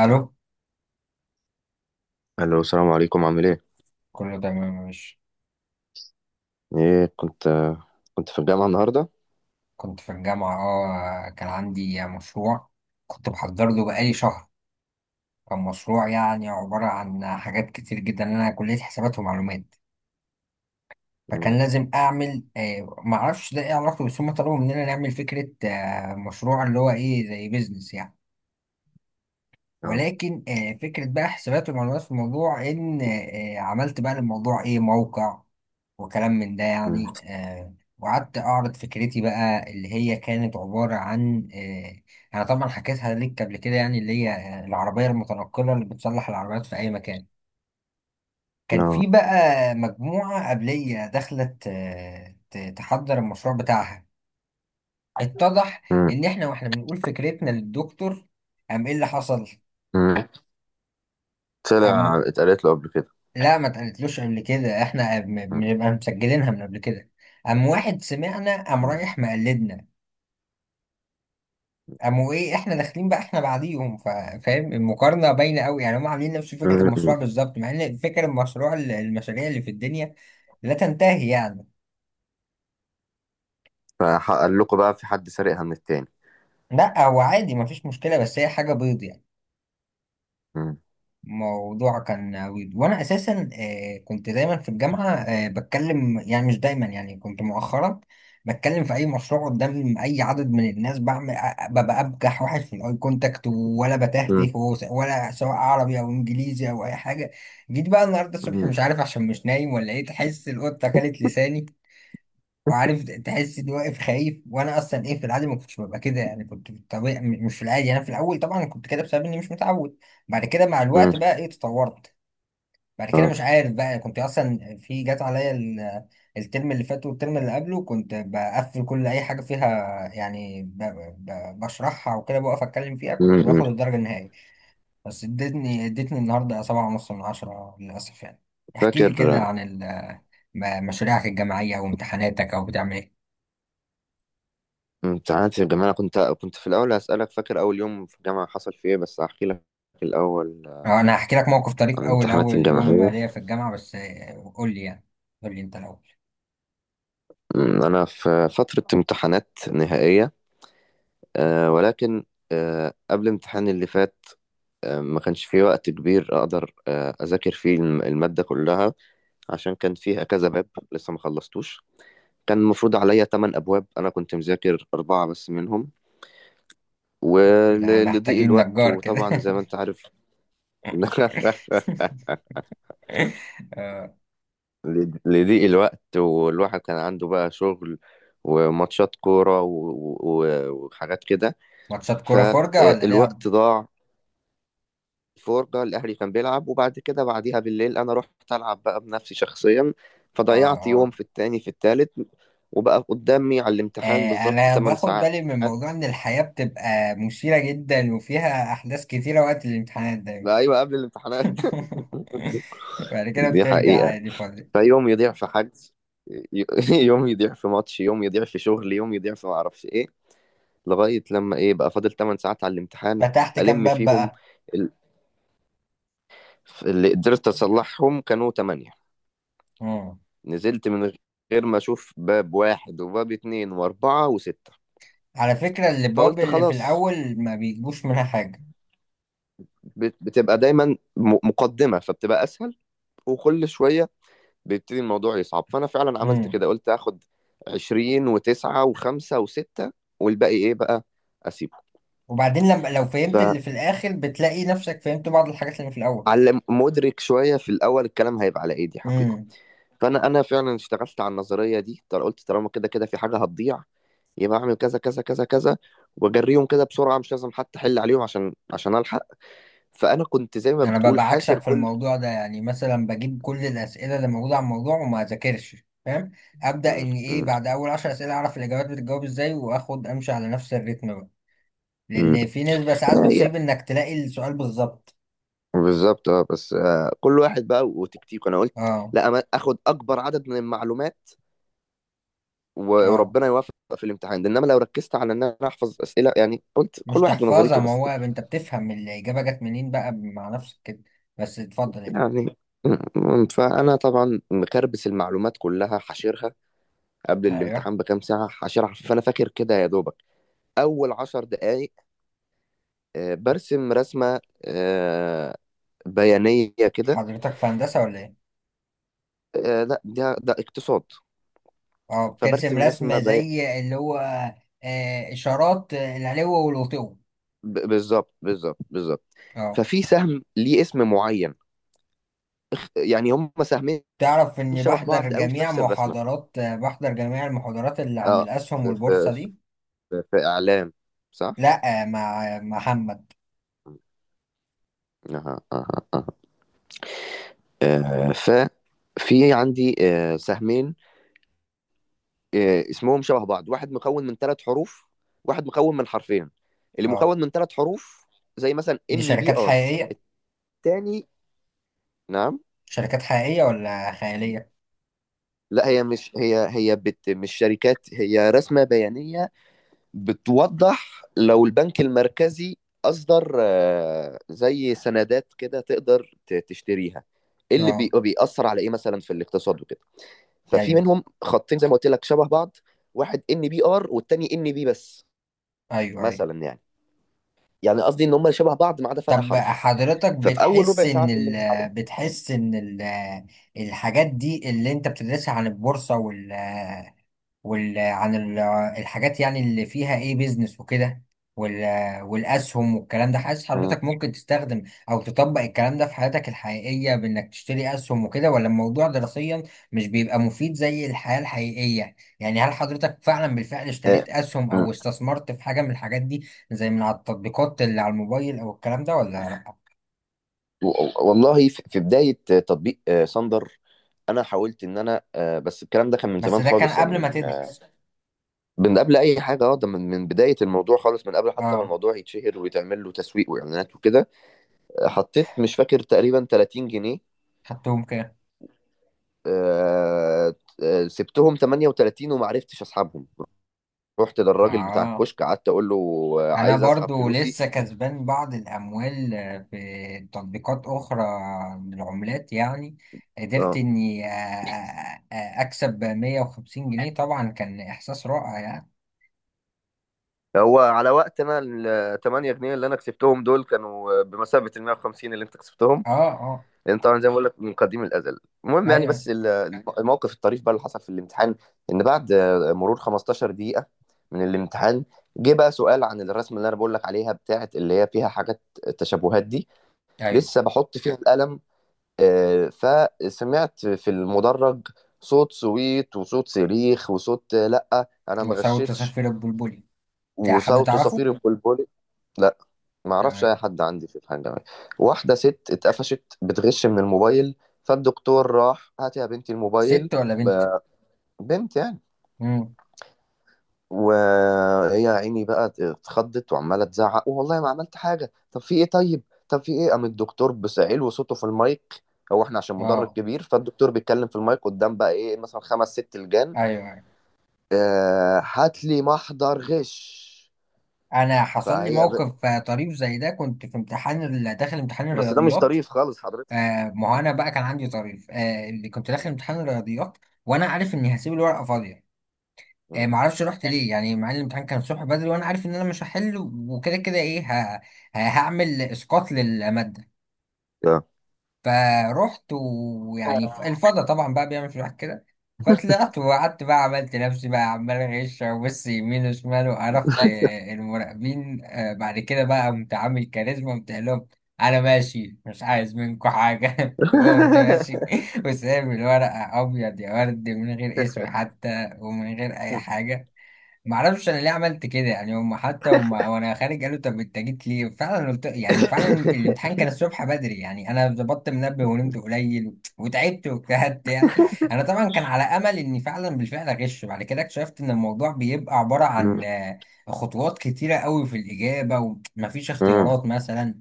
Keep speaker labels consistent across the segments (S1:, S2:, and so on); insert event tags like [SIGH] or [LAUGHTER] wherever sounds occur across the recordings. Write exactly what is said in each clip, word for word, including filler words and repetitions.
S1: الو.
S2: الو، السلام عليكم، عامل ايه؟
S1: كله تمام، مش؟
S2: ايه، كنت آه، كنت في الجامعه النهارده.
S1: كنت في الجامعة اه كان عندي مشروع. كنت بحضر له بقالي شهر. كان مشروع يعني عبارة عن حاجات كتير جدا، انا كلية حسابات ومعلومات.
S2: مم.
S1: فكان لازم اعمل، آه معرفش ده ايه علاقته، بس هم طلبوا مننا نعمل فكرة آه مشروع اللي هو ايه زي بيزنس يعني.
S2: اه.
S1: ولكن آه، فكرة بقى حسابات ومعلومات في الموضوع، إن آه، عملت بقى للموضوع إيه موقع وكلام من ده
S2: مم.
S1: يعني، آه، وقعدت أعرض فكرتي بقى اللي هي كانت عبارة عن، آه، أنا طبعا حكيتها ليك قبل كده يعني، اللي هي آه، العربية المتنقلة اللي بتصلح العربيات في أي مكان. كان في
S2: اه.
S1: بقى مجموعة قبلية دخلت، آه، ت- تحضر المشروع بتاعها. اتضح
S2: مم.
S1: إن إحنا وإحنا بنقول فكرتنا للدكتور، قام إيه اللي حصل؟
S2: مم. طلع اتقالت له قبل كده.
S1: لا، ما اتقالتلوش قبل كده، احنا م-
S2: مم.
S1: بنبقى مسجلينها من قبل كده. قام واحد سمعنا قام
S2: مم.
S1: رايح مقلدنا. قاموا ايه احنا داخلين بقى احنا بعديهم، فا- فاهم المقارنه باينه قوي يعني، هم عاملين نفس فكره
S2: مم.
S1: المشروع بالظبط، مع ان فكره المشروع ال- المشاريع اللي في الدنيا لا تنتهي يعني.
S2: فقال لكم بقى في حد سرقها من التاني؟
S1: لا هو عادي، ما فيش مشكله، بس هي حاجه بيض يعني.
S2: مم.
S1: موضوع كان عويض، وانا اساسا آه، كنت دايما في الجامعه آه، بتكلم، يعني مش دايما، يعني كنت مؤخرا بتكلم في اي مشروع قدام اي عدد من الناس، بعمل، أ- ببقى ابجح واحد في الاي كونتاكت، ولا بتهته
S2: مم.
S1: وس- ولا، سواء عربي او انجليزي او اي حاجه. جيت بقى النهارده الصبح
S2: مم.
S1: مش عارف، عشان مش نايم ولا ايه، تحس القطه اكلت لساني، وعارف تحس اني واقف خايف، وانا اصلا ايه في العادي ما كنتش ببقى كده يعني. كنت في الطبيعي، م- مش في العادي. انا في الاول طبعا كنت كده بسبب اني مش متعود، بعد كده مع
S2: مم.
S1: الوقت بقى ايه تطورت. بعد كده مش عارف بقى كنت اصلا في جات عليا ال- الترم اللي فات والترم اللي قبله كنت بقفل كل اي حاجه فيها، يعني ب- ب- بشرحها وكده بقف اتكلم فيها، كنت
S2: مم.
S1: باخد الدرجه النهائيه. بس ادتني ادتني النهارده سبعة ونص من عشرة للاسف يعني. احكي لي
S2: فاكر
S1: كده
S2: آه،
S1: عن ال- م- مشاريعك الجامعيه وامتحاناتك او بتعمل ايه.
S2: امتحانات الجامعه. أنا كنت كنت في الاول. هسالك، فاكر اول يوم في الجامعه حصل فيه ايه؟ بس هحكي لك الاول، آه،
S1: آه، انا هحكي لك موقف طريف
S2: عن
S1: اول
S2: امتحاناتي
S1: اول يوم
S2: الجامعيه.
S1: ليا في الجامعه، بس آه، قول لي يعني. قول لي انت الاول.
S2: مم. انا في فتره امتحانات نهائيه، آه، ولكن آه، قبل امتحاني اللي فات ما كانش في وقت كبير اقدر آه، اذاكر فيه الم- المادة كلها، عشان كان فيها كذا باب لسه ما خلصتوش. كان المفروض عليا 8 ابواب، انا كنت مذاكر اربعة بس منهم،
S1: لا،
S2: ولضيق
S1: محتاجين
S2: الوقت
S1: نجار كده.
S2: وطبعا زي ما
S1: [LAUGHS]
S2: انت عارف. [LAUGHS]
S1: آه،
S2: لضيق الوقت، والواحد كان عنده بقى شغل وماتشات كورة و- و- وحاجات كده،
S1: ماتشات كوره، فرجه ولا لعب؟
S2: فالوقت ضاع. الفرجة، الأهلي كان بيلعب، وبعد كده بعديها بالليل أنا رحت ألعب بقى بنفسي شخصيا.
S1: اه،
S2: فضيعت يوم،
S1: اه.
S2: في التاني، في التالت، وبقى قدامي على الامتحان
S1: آه،
S2: بالظبط
S1: انا
S2: 8
S1: باخد
S2: ساعات.
S1: بالي من موضوع ان الحياه بتبقى مثيره جدا، وفيها احداث كتيره وقت الامتحانات دايما.
S2: لا، أيوة، قبل الامتحانات.
S1: [LAUGHS] بعد
S2: [LAUGHS]
S1: كده
S2: دي
S1: بترجع
S2: حقيقة.
S1: عادي فاضي.
S2: فيوم يضيع في حجز، ي- [LAUGHS] يوم يضيع في ماتش، يوم يضيع في شغل، يوم يضيع في معرفش إيه، لغاية لما إيه بقى فاضل 8 ساعات على الامتحان.
S1: فتحت كام
S2: ألم
S1: باب
S2: فيهم،
S1: بقى؟
S2: ال- اللي قدرت أصلحهم كانوا تمانية.
S1: مم.
S2: نزلت من غير ما أشوف باب واحد وباب اتنين وأربعة وستة،
S1: على فكره الابواب
S2: فقلت
S1: اللي في
S2: خلاص.
S1: الاول ما بيجيبوش منها حاجه.
S2: بت- بتبقى دايما م- مقدمة فبتبقى أسهل، وكل شوية بيبتدي الموضوع يصعب. فأنا فعلا عملت
S1: مم.
S2: كده، قلت هاخد عشرين وتسعة وخمسة وستة، والباقي إيه بقى أسيبه.
S1: وبعدين لما لو فهمت اللي في الاخر بتلاقي نفسك فهمت بعض الحاجات اللي في الاول.
S2: فعلم مدرك شوية، في الأول الكلام هيبقى على إيه. دي حقيقة.
S1: امم.
S2: فأنا أنا فعلا اشتغلت على النظرية دي. طل- قلت طالما كده كده في حاجة هتضيع، يبقى اعمل كذا كذا كذا كذا، واجريهم كده بسرعه، مش لازم حتى احل عليهم، عشان عشان الحق. فانا كنت زي ما
S1: انا
S2: بتقول
S1: ببقى
S2: حاشر
S1: عكسك في
S2: كل.
S1: الموضوع ده، يعني مثلا بجيب كل الاسئله اللي موجوده عن الموضوع وما اذاكرش، فاهم؟ ابدا،
S2: م-
S1: ان ايه بعد اول عشر اسئله اعرف الاجابات بتتجاوب ازاي، واخد امشي على نفس الريتم بقى،
S2: م-
S1: لان في نسبه ساعات
S2: هي
S1: بتصيب انك تلاقي السؤال بالظبط.
S2: بالظبط. اه، بس آه كل واحد بقى وتكتيكه. انا قلت
S1: اه،
S2: لا، أما اخد اكبر عدد من المعلومات و-
S1: اه.
S2: وربنا يوفق في الامتحان ده، انما لو ركزت على ان انا احفظ اسئله، يعني قلت
S1: مش
S2: كل واحد
S1: تحفظها،
S2: ونظريته
S1: ما
S2: بس.
S1: هو انت بتفهم الاجابه جت منين بقى مع نفسك كده، بس اتفضل يعني.
S2: يعني، م- فانا طبعا مكربس المعلومات كلها حاشرها قبل
S1: ايوه،
S2: الامتحان بكام ساعه، حاشرها. فانا فاكر كده، يا دوبك اول عشر دقائق آه، برسم رسمه آه، بيانيه كده.
S1: حضرتك في هندسه ولا ايه؟
S2: آه، لا، ده ده اقتصاد.
S1: اه، بترسم
S2: فبرسم رسمه
S1: رسمة
S2: بي...
S1: زي اللي هو، آه، إشارات، آه، العلو والوطو.
S2: ب- بالظبط بالظبط بالظبط.
S1: اه.
S2: ففي سهم ليه اسم معين، يعني هم سهمين
S1: تعرف إني
S2: شبه
S1: بحضر
S2: بعض قوي في
S1: جميع
S2: نفس الرسمة.
S1: محاضرات آه، بحضر جميع المحاضرات اللي عن
S2: اه،
S1: الأسهم
S2: في في
S1: والبورصة دي؟
S2: في, في اعلام، صح.
S1: لأ، آه، مع مع محمد.
S2: اها، اها، اها. آه، ف في عندي آه، سهمين، آه، اسمهم شبه بعض. واحد مكون من ثلاث حروف، واحد مكون من حرفين. اللي
S1: اه.
S2: مكون من ثلاث حروف زي مثلا
S1: دي
S2: ان بي
S1: شركات
S2: ار.
S1: حقيقية؟
S2: التاني. نعم.
S1: شركات حقيقية ولا خيالية؟
S2: لا، هي مش، هي هي بت مش شركات، هي رسمة بيانية، بتوضح لو البنك المركزي أصدر آه، زي سندات كده تقدر ت- تشتريها، إيه اللي بي-
S1: اه،
S2: بيأثر على إيه مثلا في الاقتصاد وكده. ففي
S1: أيوه،
S2: منهم خطين زي ما قلت لك شبه بعض، واحد ان بي ار والتاني ان بي بس،
S1: أيوه، أيوه.
S2: مثلا يعني يعني قصدي ان هم شبه بعض ما عدا فرق
S1: طب
S2: حرف.
S1: حضرتك
S2: ففي اول
S1: بتحس
S2: ربع ساعه
S1: إن
S2: في الامتحان.
S1: ال بتحس إن ال الحاجات دي اللي أنت بتدرسها عن البورصة، وال وال عن ال- الحاجات يعني اللي فيها ايه بيزنس وكده، وال والاسهم والكلام ده، حاسس
S2: مم.
S1: حضرتك ممكن تستخدم او تطبق الكلام ده في حياتك الحقيقية، بانك تشتري اسهم وكده، ولا الموضوع دراسيا مش بيبقى مفيد زي الحياة الحقيقية يعني؟ هل حضرتك فعلا بالفعل
S2: آه،
S1: اشتريت اسهم
S2: مم.
S1: او استثمرت في حاجة من الحاجات دي، زي من على التطبيقات اللي على الموبايل او الكلام ده، ولا لا؟
S2: و- والله، في في بدايه تطبيق آه، صندر، انا حاولت ان انا آه، بس الكلام ده كان من
S1: بس
S2: زمان
S1: ده كان
S2: خالص، يعني
S1: قبل ما
S2: من
S1: تدرس.
S2: من قبل اي حاجه. اه، ده من من بدايه الموضوع خالص، من قبل حتى ما
S1: اه،
S2: الموضوع يتشهر ويتعمل له تسويق واعلانات وكده. آه، حطيت، مش فاكر، تقريبا تلاتين جنيه.
S1: خدتهم كده.
S2: آه، آه، سبتهم تمانية وتلاتين وما عرفتش اسحبهم. رحت للراجل بتاع
S1: اه،
S2: الكشك قعدت اقول له آه،
S1: انا
S2: عايز اسحب
S1: برضو
S2: فلوسي.
S1: لسه كسبان بعض الاموال آه، في تطبيقات اخرى، من العملات يعني. قدرت
S2: اه.
S1: اني، آه، آه، آه، اكسب مية وخمسين جنيه، طبعا كان احساس رائع يعني.
S2: هو على وقت، انا ال تمانية جنيه اللي انا كسبتهم دول كانوا بمثابه ال ميه وخمسين اللي انت كسبتهم،
S1: اه، اه،
S2: لان طبعا زي ما بقول لك من قديم الازل. المهم، يعني،
S1: ايوه،
S2: بس ال- الموقف الطريف بقى اللي حصل في الامتحان، ان بعد مرور 15 دقيقه من الامتحان، جه بقى سؤال عن الرسمه اللي انا بقول لك عليها بتاعه، اللي هي فيها حاجات التشابهات دي.
S1: ايوه.
S2: لسه بحط فيها القلم، آه، فسمعت في المدرج صوت سويت وصوت صريخ وصوت، آه، لا انا ما
S1: وسوف
S2: غشيتش.
S1: تسفر البلبلي. ده حد
S2: وصوت
S1: تعرفه؟
S2: صفير البلبل. لا، ما اعرفش اي
S1: تمام.
S2: حد عندي في الحاجه دي. واحده ست اتقفشت بتغش من الموبايل، فالدكتور راح، هاتي يا بنتي الموبايل.
S1: ست ولا بنت؟
S2: ب- بنت يعني.
S1: امم.
S2: وهي يا عيني بقى اتخضت وعماله تزعق، والله ما عملت حاجه، طب في ايه، طيب، طب في ايه. قام الدكتور بسعيل وصوته في المايك، هو احنا عشان مدرج
S1: اه،
S2: كبير، فالدكتور بيتكلم في المايك قدام بقى ايه مثلا خمس ست لجان.
S1: ايوه، ايوه.
S2: آه، هات لي محضر غش.
S1: انا حصل لي
S2: فهي ب...
S1: موقف آه، طريف زي ده. كنت في امتحان، ال- داخل امتحان
S2: بس ده مش
S1: الرياضيات.
S2: طريف خالص حضرتك.
S1: آه ما هو انا بقى كان عندي طريف، آه اللي كنت داخل امتحان الرياضيات وانا عارف اني هسيب الورقه فاضيه. آه
S2: مم.
S1: ما اعرفش رحت ليه يعني، مع ان الامتحان كان الصبح بدري وانا عارف ان انا مش هحل، وكده كده ايه ه... ه- هعمل اسقاط للماده.
S2: آه.
S1: فروحت ويعني ف- الفضا طبعا بقى بيعمل في الواحد كده. فطلعت وقعدت بقى، عملت نفسي بقى عمال غش وبص يمين وشمال وعرفت آه، المراقبين، آه، بعد كده بقى قمت عامل كاريزما، قمت قايل لهم، انا ماشي مش عايز منكم حاجه. [LAUGHS] وقمت ماشي، وسايب الورقه ابيض يا ورد، من غير اسمي حتى ومن غير اي
S2: [LAUGHS]
S1: حاجه. معرفش انا ليه عملت كده يعني. هم حتى، وما وانا خارج قالوا طب انت جيت ليه فعلا، قلت يعني، وفعلا الامتحان كان الصبح بدري يعني، انا ظبطت منبه ونمت قليل وتعبت واجتهدت يعني. انا طبعا كان على امل اني فعلا بالفعل اغش، بعد كده اكتشفت ان الموضوع بيبقى عبارة
S2: مم.
S1: عن آه، خطوات كتيرة قوي في الاجابة، ومفيش
S2: مم.
S1: اختيارات مثلا،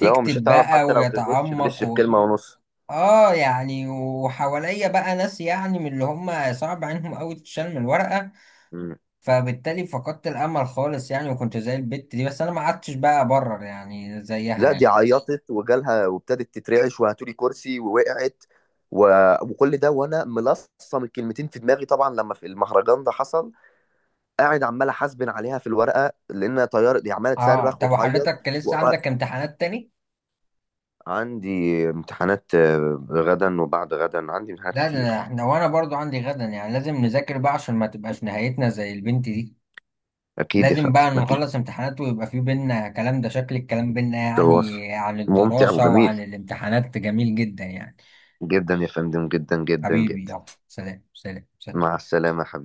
S2: لا، هو مش هتعرف،
S1: بقى
S2: حتى لو تغش تغش
S1: ويتعمق
S2: في
S1: و...
S2: كلمة ونص.
S1: اه يعني. وحواليا بقى ناس يعني من اللي هم صعب عليهم قوي تشال من الورقة،
S2: مم.
S1: فبالتالي فقدت الامل خالص يعني، وكنت زي البت دي، بس انا ما قعدتش بقى ابرر يعني زيها
S2: لا، دي
S1: يعني.
S2: عيطت وجالها وابتدت تترعش وهاتولي كرسي ووقعت. و... وكل ده وانا ملصم الكلمتين في دماغي طبعا، لما في المهرجان ده حصل، قاعد عمال احاسبن عليها في الورقة، لانها طيار دي عمالة
S1: اه،
S2: صرخ
S1: طب
S2: وتعيط.
S1: وحضرتك
S2: و...
S1: لسه عندك امتحانات تاني؟
S2: عندي امتحانات آه، غدا وبعد غدا، عندي امتحانات
S1: لا، ده
S2: كتير.
S1: احنا وانا برضو عندي غدا يعني، لازم نذاكر بقى عشان ما تبقاش نهايتنا زي البنت دي.
S2: اكيد يا
S1: لازم
S2: فندم،
S1: بقى
S2: اكيد.
S1: نخلص امتحانات ويبقى في بينا كلام. ده شكل الكلام بينا
S2: تواصل
S1: يعني عن
S2: ممتع
S1: الدراسة
S2: وجميل
S1: وعن الامتحانات جميل جدا يعني.
S2: جدا يا فندم، جدا جدا
S1: حبيبي،
S2: جدا.
S1: يلا سلام، سلام،
S2: مع
S1: سلام.
S2: السلامة يا حبيبي.